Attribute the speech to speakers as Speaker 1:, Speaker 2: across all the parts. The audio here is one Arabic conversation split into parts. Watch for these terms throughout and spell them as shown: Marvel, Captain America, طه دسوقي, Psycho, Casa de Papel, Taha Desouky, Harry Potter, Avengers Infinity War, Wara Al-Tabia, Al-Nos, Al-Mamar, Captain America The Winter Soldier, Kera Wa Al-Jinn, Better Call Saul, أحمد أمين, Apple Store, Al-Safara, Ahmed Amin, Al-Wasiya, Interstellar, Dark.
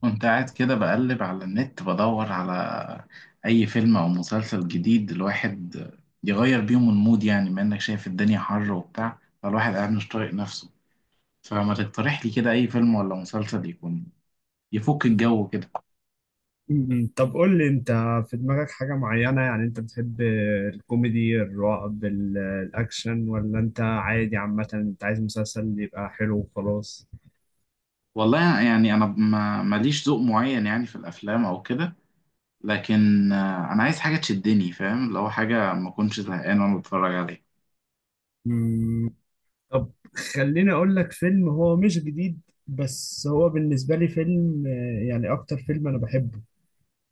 Speaker 1: كنت قاعد كده بقلب على النت بدور على أي فيلم أو مسلسل جديد. الواحد يغير بيهم المود، يعني بما إنك شايف الدنيا حر وبتاع، فالواحد قاعد مش طايق نفسه. فما تقترح لي كده أي فيلم ولا مسلسل يكون يفك الجو كده؟
Speaker 2: م- م. طب، قول لي انت، في دماغك حاجة معينة؟ يعني انت بتحب الكوميدي، الرعب، الاكشن، ولا انت عادي؟ عامة انت عايز مسلسل يبقى حلو وخلاص.
Speaker 1: والله يعني أنا ما ماليش ذوق معين يعني في الأفلام أو كده، لكن أنا عايز حاجة تشدني، فاهم؟ لو حاجة ما أكونش زهقان وأنا بتفرج عليها.
Speaker 2: م، طب، خليني اقول لك فيلم هو مش جديد، بس هو بالنسبة لي فيلم، يعني اكتر فيلم انا بحبه،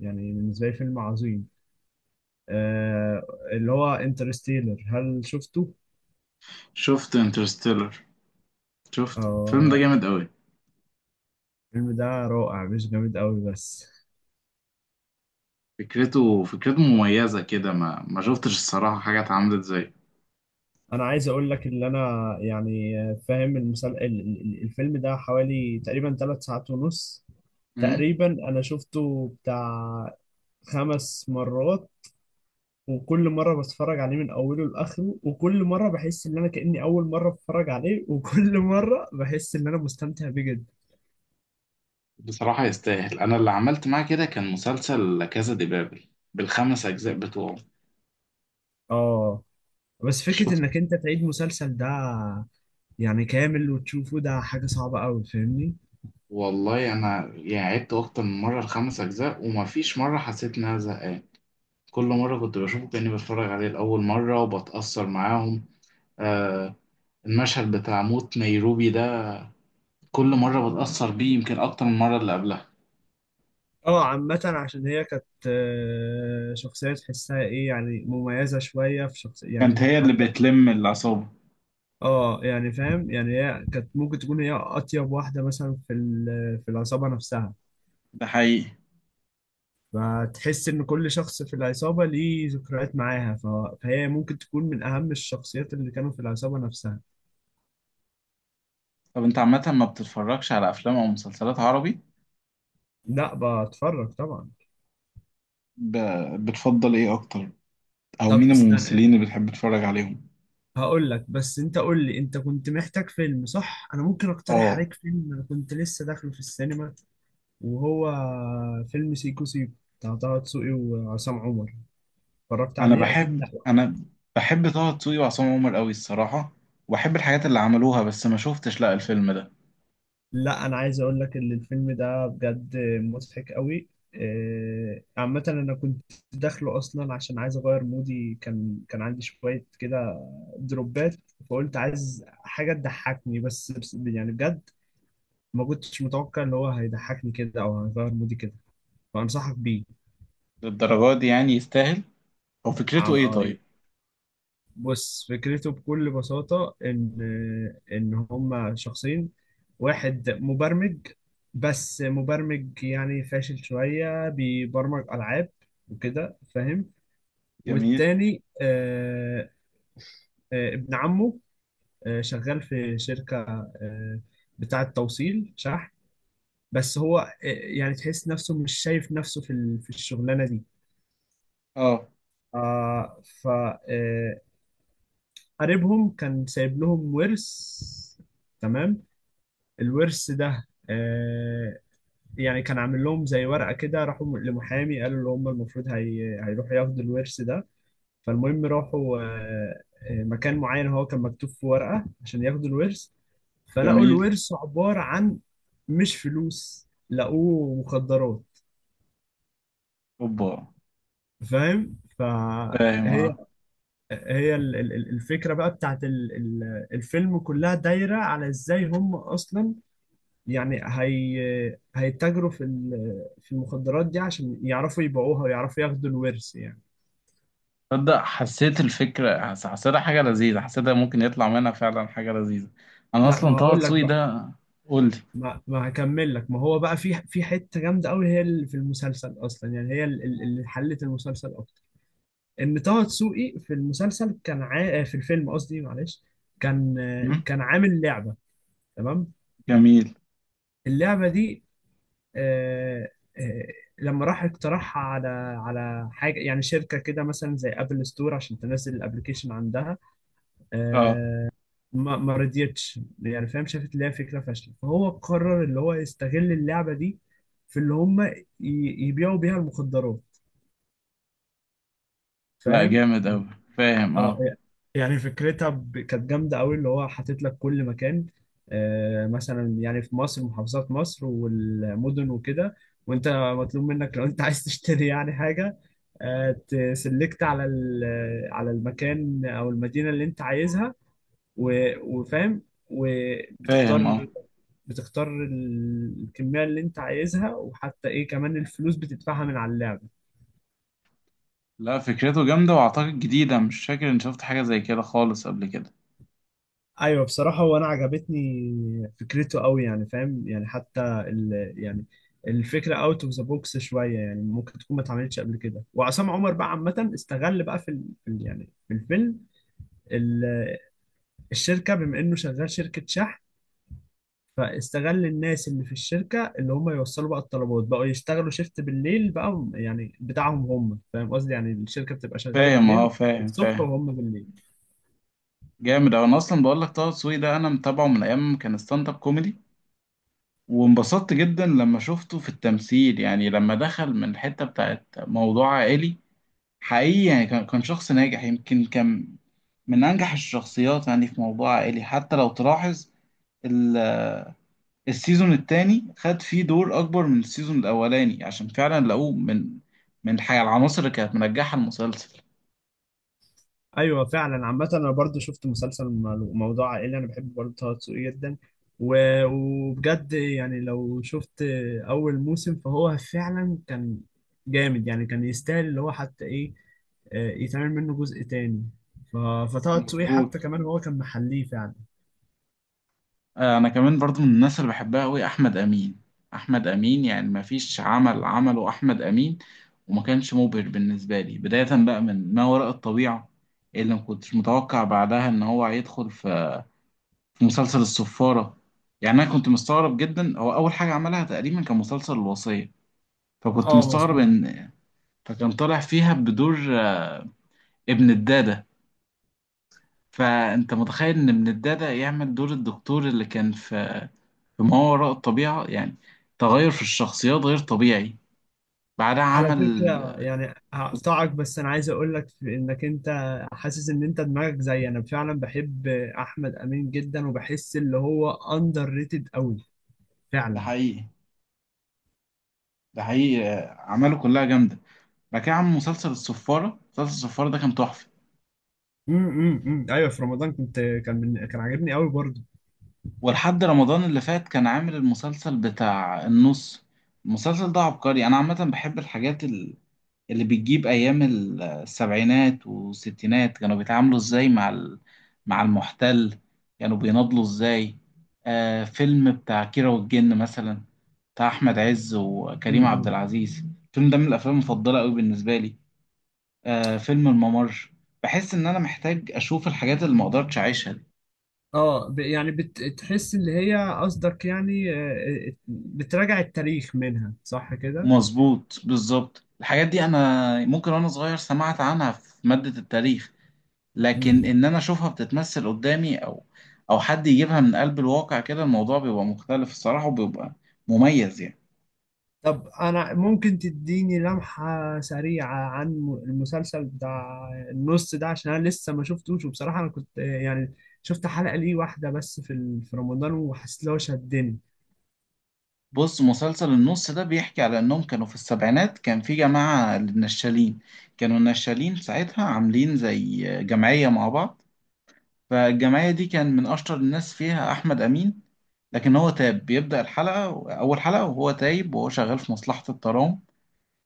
Speaker 2: يعني بالنسبة لي فيلم عظيم. آه اللي هو انترستيلر، هل شفته؟
Speaker 1: شفت انترستيلر، شفته. الفيلم ده
Speaker 2: آه،
Speaker 1: جامد أوي.
Speaker 2: الفيلم ده رائع، مش جامد قوي بس.
Speaker 1: فكرته مميزة كده، ما شفتش الصراحة حاجة اتعملت زيه.
Speaker 2: انا عايز اقول لك ان انا، يعني، فاهم المسل... ال- ال- ال- الفيلم ده حوالي تقريبا 3 ساعات ونص.
Speaker 1: مم.
Speaker 2: تقريبا انا شفته بتاع خمس مرات، وكل مرة بتفرج عليه من اوله لاخره، وكل مرة بحس ان انا كأني اول مرة بتفرج عليه، وكل مرة بحس ان انا مستمتع بيه جدا.
Speaker 1: بصراحة يستاهل. أنا اللي عملت معاه كده كان مسلسل كازا دي بابل بالخمس أجزاء بتوعه.
Speaker 2: اه، بس فكرة
Speaker 1: شفت.
Speaker 2: انك انت تعيد مسلسل ده يعني كامل وتشوفه، ده حاجة صعبة قوي، فاهمني؟
Speaker 1: والله أنا يعني عدت أكتر من مرة الخمس أجزاء وما فيش مرة حسيت إن أنا زهقان. كل مرة كنت بشوفه كأني بتفرج عليه لأول مرة وبتأثر معاهم. آه، المشهد بتاع موت نيروبي ده كل مرة بتأثر بيه يمكن أكتر من المرة اللي قبلها.
Speaker 2: اه، عامة عشان هي كانت، شخصية تحسها ايه، يعني مميزة شوية في شخصية
Speaker 1: كانت
Speaker 2: يعني،
Speaker 1: هي اللي
Speaker 2: حتى.
Speaker 1: بتلم العصابة.
Speaker 2: اه، يعني فاهم، يعني هي كانت ممكن تكون هي أطيب واحدة مثلا في العصابة نفسها،
Speaker 1: ده حقيقي.
Speaker 2: فتحس إن كل شخص في العصابة ليه ذكريات معاها. فهي ممكن تكون من أهم الشخصيات اللي كانوا في العصابة نفسها.
Speaker 1: طب انت عامة ما بتتفرجش على افلام او مسلسلات عربي؟
Speaker 2: لا، بتفرج طبعا.
Speaker 1: ب... بتفضل ايه اكتر؟ او
Speaker 2: طب
Speaker 1: مين
Speaker 2: استنى،
Speaker 1: الممثلين اللي بتحب تتفرج عليهم؟
Speaker 2: هقول لك، بس انت قول لي، انت كنت محتاج فيلم، صح؟ انا ممكن اقترح
Speaker 1: اه.
Speaker 2: عليك فيلم، انا كنت لسه داخله في السينما، وهو فيلم سيكو سيكو، بتاع طه دسوقي وعصام عمر. اتفرجت
Speaker 1: انا
Speaker 2: عليه؟ اكيد
Speaker 1: بحب
Speaker 2: لا.
Speaker 1: انا بحب طه دسوقي وعصام عمر قوي الصراحة، واحب الحاجات اللي عملوها، بس ما شفتش لا الفيلم ده.
Speaker 2: لا، انا عايز اقول لك ان الفيلم ده بجد مضحك قوي. عامة أنا كنت داخله أصلا عشان عايز أغير مودي، كان عندي شوية كده دروبات. فقلت عايز حاجة تضحكني، يعني بجد ما كنتش متوقع إن هو هيضحكني كده أو هيغير مودي كده، فأنصحك
Speaker 1: للدرجة دي يعني؟ يستاهل؟ او فكرته ايه
Speaker 2: بيه.
Speaker 1: طيب؟
Speaker 2: بص، فكرته بكل بساطة إن هما شخصين. واحد مبرمج، بس مبرمج يعني فاشل شوية، بيبرمج ألعاب وكده، فاهم؟
Speaker 1: جميل.
Speaker 2: والتاني، ابن عمه، شغال في شركة آه، بتاعة توصيل شحن. بس هو، يعني تحس نفسه مش شايف نفسه في الشغلانة دي.
Speaker 1: اه.
Speaker 2: آه، ف آه، قريبهم كان سايب لهم ورث، تمام. الورث ده يعني كان عامل لهم زي ورقة كده. راحوا لمحامي، قالوا اللي هم المفروض هيروحوا ياخدوا الورث ده. فالمهم راحوا مكان معين هو كان مكتوب في ورقة عشان ياخدوا الورث. فلقوا
Speaker 1: جميل.
Speaker 2: الورث عبارة عن، مش فلوس، لقوه مخدرات،
Speaker 1: اوبا.
Speaker 2: فاهم؟
Speaker 1: فاهم
Speaker 2: فهي
Speaker 1: اه.
Speaker 2: هي ال- ال- الفكرة بقى بتاعت الفيلم كلها دايرة على ازاي هم اصلا، يعني، هيتاجروا في المخدرات دي عشان يعرفوا يبيعوها ويعرفوا ياخدوا الورث يعني.
Speaker 1: تصدق حسيت الفكرة حسيتها حاجة لذيذة، حسيتها ممكن يطلع منها فعلا حاجة لذيذة. انا
Speaker 2: لا،
Speaker 1: اصلا
Speaker 2: ما
Speaker 1: طه
Speaker 2: هقول لك
Speaker 1: دسوقي
Speaker 2: بقى،
Speaker 1: ده. قول
Speaker 2: ما هكمل لك. ما هو بقى في حته جامده قوي هي اللي في المسلسل اصلا، يعني هي اللي حلت المسلسل اكتر. ان طه دسوقي في المسلسل كان عا... آه، في الفيلم قصدي، معلش. كان
Speaker 1: لي.
Speaker 2: آه، كان عامل لعبه، تمام.
Speaker 1: جميل.
Speaker 2: اللعبه دي، آه، آه، لما راح اقترحها على حاجه يعني شركه كده مثلا زي ابل ستور عشان تنزل الابلكيشن عندها،
Speaker 1: اه.
Speaker 2: آه، ما رضيتش، يعني فاهم، شافت اللي هي فكره فاشله، فهو قرر اللي هو يستغل اللعبه دي في اللي هم يبيعوا بيها المخدرات،
Speaker 1: لا
Speaker 2: فاهم.
Speaker 1: جامد أوي. فاهم
Speaker 2: اه،
Speaker 1: اه.
Speaker 2: يعني فكرتها كانت جامده قوي، اللي هو حاطط لك كل مكان، مثلا يعني في مصر، محافظات مصر والمدن وكده، وانت مطلوب منك لو انت عايز تشتري يعني حاجه، آه تسلكت على المكان او المدينه اللي انت عايزها، وفاهم،
Speaker 1: فاهم
Speaker 2: وبتختار
Speaker 1: اه.
Speaker 2: بتختار الكمية اللي انت عايزها، وحتى ايه كمان، الفلوس بتدفعها من على اللعب.
Speaker 1: لا فكرته جامدة وأعتقد جديدة، مش فاكر إني شفت حاجة زي كده خالص قبل كده.
Speaker 2: ايوه بصراحة، وانا عجبتني فكرته قوي، يعني فاهم، يعني حتى، ال يعني الفكرة اوت اوف ذا بوكس شوية، يعني ممكن تكون ما اتعملتش قبل كده. وعصام عمر بقى عامة استغل بقى في الفيلم، ال- الشركة، بما انه شغال شركة شحن، فاستغل الناس اللي في الشركة اللي هم يوصلوا بقى الطلبات، بقوا يشتغلوا شيفت بالليل بقى، يعني بتاعهم هم، فاهم قصدي؟ يعني الشركة بتبقى شغالة
Speaker 1: فاهم اه.
Speaker 2: بالليل
Speaker 1: فاهم
Speaker 2: الصبح،
Speaker 1: فاهم.
Speaker 2: وهم بالليل.
Speaker 1: جامد أوي. أنا أصلا بقول لك طه دسوقي ده أنا متابعه من أيام ما كان ستاند أب كوميدي، وانبسطت جدا لما شفته في التمثيل، يعني لما دخل من الحتة بتاعت موضوع عائلي. حقيقي يعني كان شخص ناجح، يمكن كان من أنجح الشخصيات يعني في موضوع عائلي. حتى لو تلاحظ السيزون التاني خد فيه دور اكبر من السيزون الاولاني عشان فعلا لقوه من الحاجه العناصر اللي كانت منجحه المسلسل.
Speaker 2: ايوه فعلا. عامة انا برضو شفت مسلسل موضوع عائلي، انا بحب برضو طه دسوقي جدا. وبجد، يعني لو شفت اول موسم فهو فعلا كان جامد، يعني كان يستاهل اللي هو حتى ايه، يتعمل منه جزء تاني. ف- فطه دسوقي حتى
Speaker 1: مظبوط.
Speaker 2: كمان هو كان محليه فعلا.
Speaker 1: انا كمان برضو من الناس اللي بحبها قوي احمد امين. احمد امين يعني ما فيش عمل عمله احمد امين وما كانش مبهر بالنسبه لي. بدايه بقى من ما وراء الطبيعه، اللي ما كنتش متوقع بعدها ان هو هيدخل في مسلسل الصفاره. يعني انا كنت مستغرب جدا. هو اول حاجه عملها تقريبا كان مسلسل الوصيه، فكنت
Speaker 2: اه
Speaker 1: مستغرب
Speaker 2: مظبوط.
Speaker 1: ان فكان طالع فيها بدور ابن الدادة. فأنت متخيل إن ابن الدادة يعمل دور الدكتور اللي كان في ما وراء الطبيعة؟ يعني تغير في الشخصيات غير طبيعي. بعدها
Speaker 2: على
Speaker 1: عمل.
Speaker 2: فكرة، يعني هقطعك، بس أنا عايز أقول لك في إنك أنت حاسس إن أنت دماغك زي أنا. فعلا بحب أحمد أمين جدا، وبحس اللي هو أندر ريتد أوي
Speaker 1: ده
Speaker 2: فعلا.
Speaker 1: حقيقي. ده حقيقي. أعماله كلها جامدة. بعد كده عمل مسلسل الصفارة. مسلسل الصفارة ده كان تحفة.
Speaker 2: أيوه، في رمضان كان عاجبني أوي برضه.
Speaker 1: ولحد رمضان اللي فات كان عامل المسلسل بتاع النص. المسلسل ده عبقري. أنا عامة بحب الحاجات اللي بتجيب أيام السبعينات والستينات، كانوا بيتعاملوا إزاي مع مع المحتل، كانوا بيناضلوا إزاي. آه، فيلم بتاع كيرة والجن مثلا بتاع أحمد عز وكريم عبد
Speaker 2: امم.
Speaker 1: العزيز، الفيلم ده من الأفلام المفضلة أوي بالنسبة لي. آه، فيلم الممر. بحس إن أنا محتاج أشوف الحاجات اللي مقدرتش أعيشها دي.
Speaker 2: اه، يعني بتحس اللي هي قصدك، يعني بتراجع التاريخ منها، صح كده؟
Speaker 1: مظبوط. بالظبط الحاجات دي أنا ممكن وأنا صغير سمعت عنها في مادة التاريخ، لكن
Speaker 2: مم.
Speaker 1: ان انا اشوفها بتتمثل قدامي، او حد يجيبها من قلب الواقع كده، الموضوع بيبقى مختلف الصراحة وبيبقى مميز يعني.
Speaker 2: طب انا ممكن تديني لمحة سريعة عن المسلسل بتاع النص ده، عشان انا لسه ما شفتوش. وبصراحة انا كنت، يعني شفت حلقة ليه واحدة بس في رمضان، وحسيت لو شدني.
Speaker 1: بص مسلسل النص ده بيحكي على انهم كانوا في السبعينات كان في جماعة للنشالين، كانوا النشالين ساعتها عاملين زي جمعية مع بعض. فالجمعية دي كان من اشطر الناس فيها احمد امين، لكن هو تاب. بيبدأ الحلقة اول حلقة وهو تايب وهو شغال في مصلحة الترام،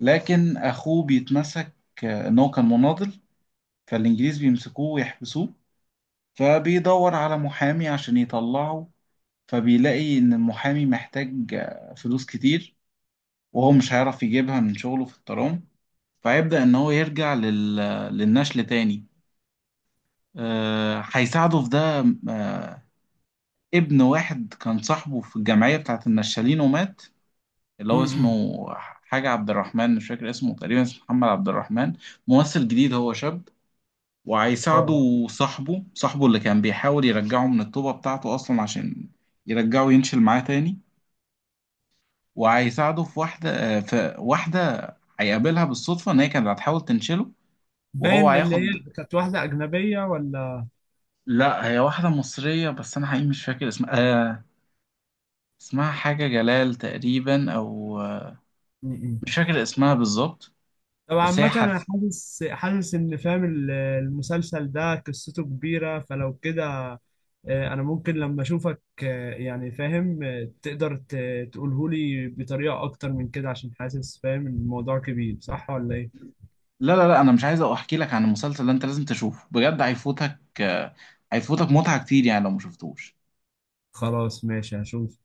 Speaker 1: لكن اخوه بيتمسك ان هو كان مناضل، فالإنجليز بيمسكوه ويحبسوه. فبيدور على محامي عشان يطلعه، فبيلاقي إن المحامي محتاج فلوس كتير، وهو مش هيعرف يجيبها من شغله في الترام. فيبدأ إن هو يرجع للنشل تاني. هيساعده في ده. آه، ابن واحد كان صاحبه في الجمعية بتاعت النشالين ومات، اللي هو
Speaker 2: امم.
Speaker 1: اسمه حاجة عبد الرحمن، مش فاكر اسمه، تقريبا اسمه محمد عبد الرحمن. ممثل جديد، هو شاب،
Speaker 2: اه، آه.
Speaker 1: وهيساعده. صاحبه اللي كان بيحاول يرجعه من الطوبة بتاعته أصلا عشان يرجعه ينشل معاه تاني. وهيساعده في واحدة، في واحدة هيقابلها بالصدفة إن هي كانت هتحاول تنشله وهو
Speaker 2: باين اللي هي
Speaker 1: هياخد.
Speaker 2: كانت واحدة أجنبية ولا؟
Speaker 1: لا هي واحدة مصرية، بس أنا حقيقي مش فاكر اسمها. آه، اسمها حاجة جلال تقريبا، أو
Speaker 2: امم.
Speaker 1: مش فاكر اسمها بالظبط.
Speaker 2: طب
Speaker 1: بس هي
Speaker 2: عامة، أنا
Speaker 1: حس.
Speaker 2: حاسس إن، فاهم، المسلسل ده قصته كبيرة، فلو كده، انا ممكن لما اشوفك، يعني فاهم، تقدر تقوله لي بطريقة اكتر من كده، عشان حاسس فاهم إن الموضوع كبير، صح ولا ايه؟
Speaker 1: لا لا لا، أنا مش عايز أحكي لك عن المسلسل ده، أنت لازم تشوفه بجد. هيفوتك هيفوتك متعة كتير يعني لو مشفتوش.
Speaker 2: خلاص ماشي، هشوف.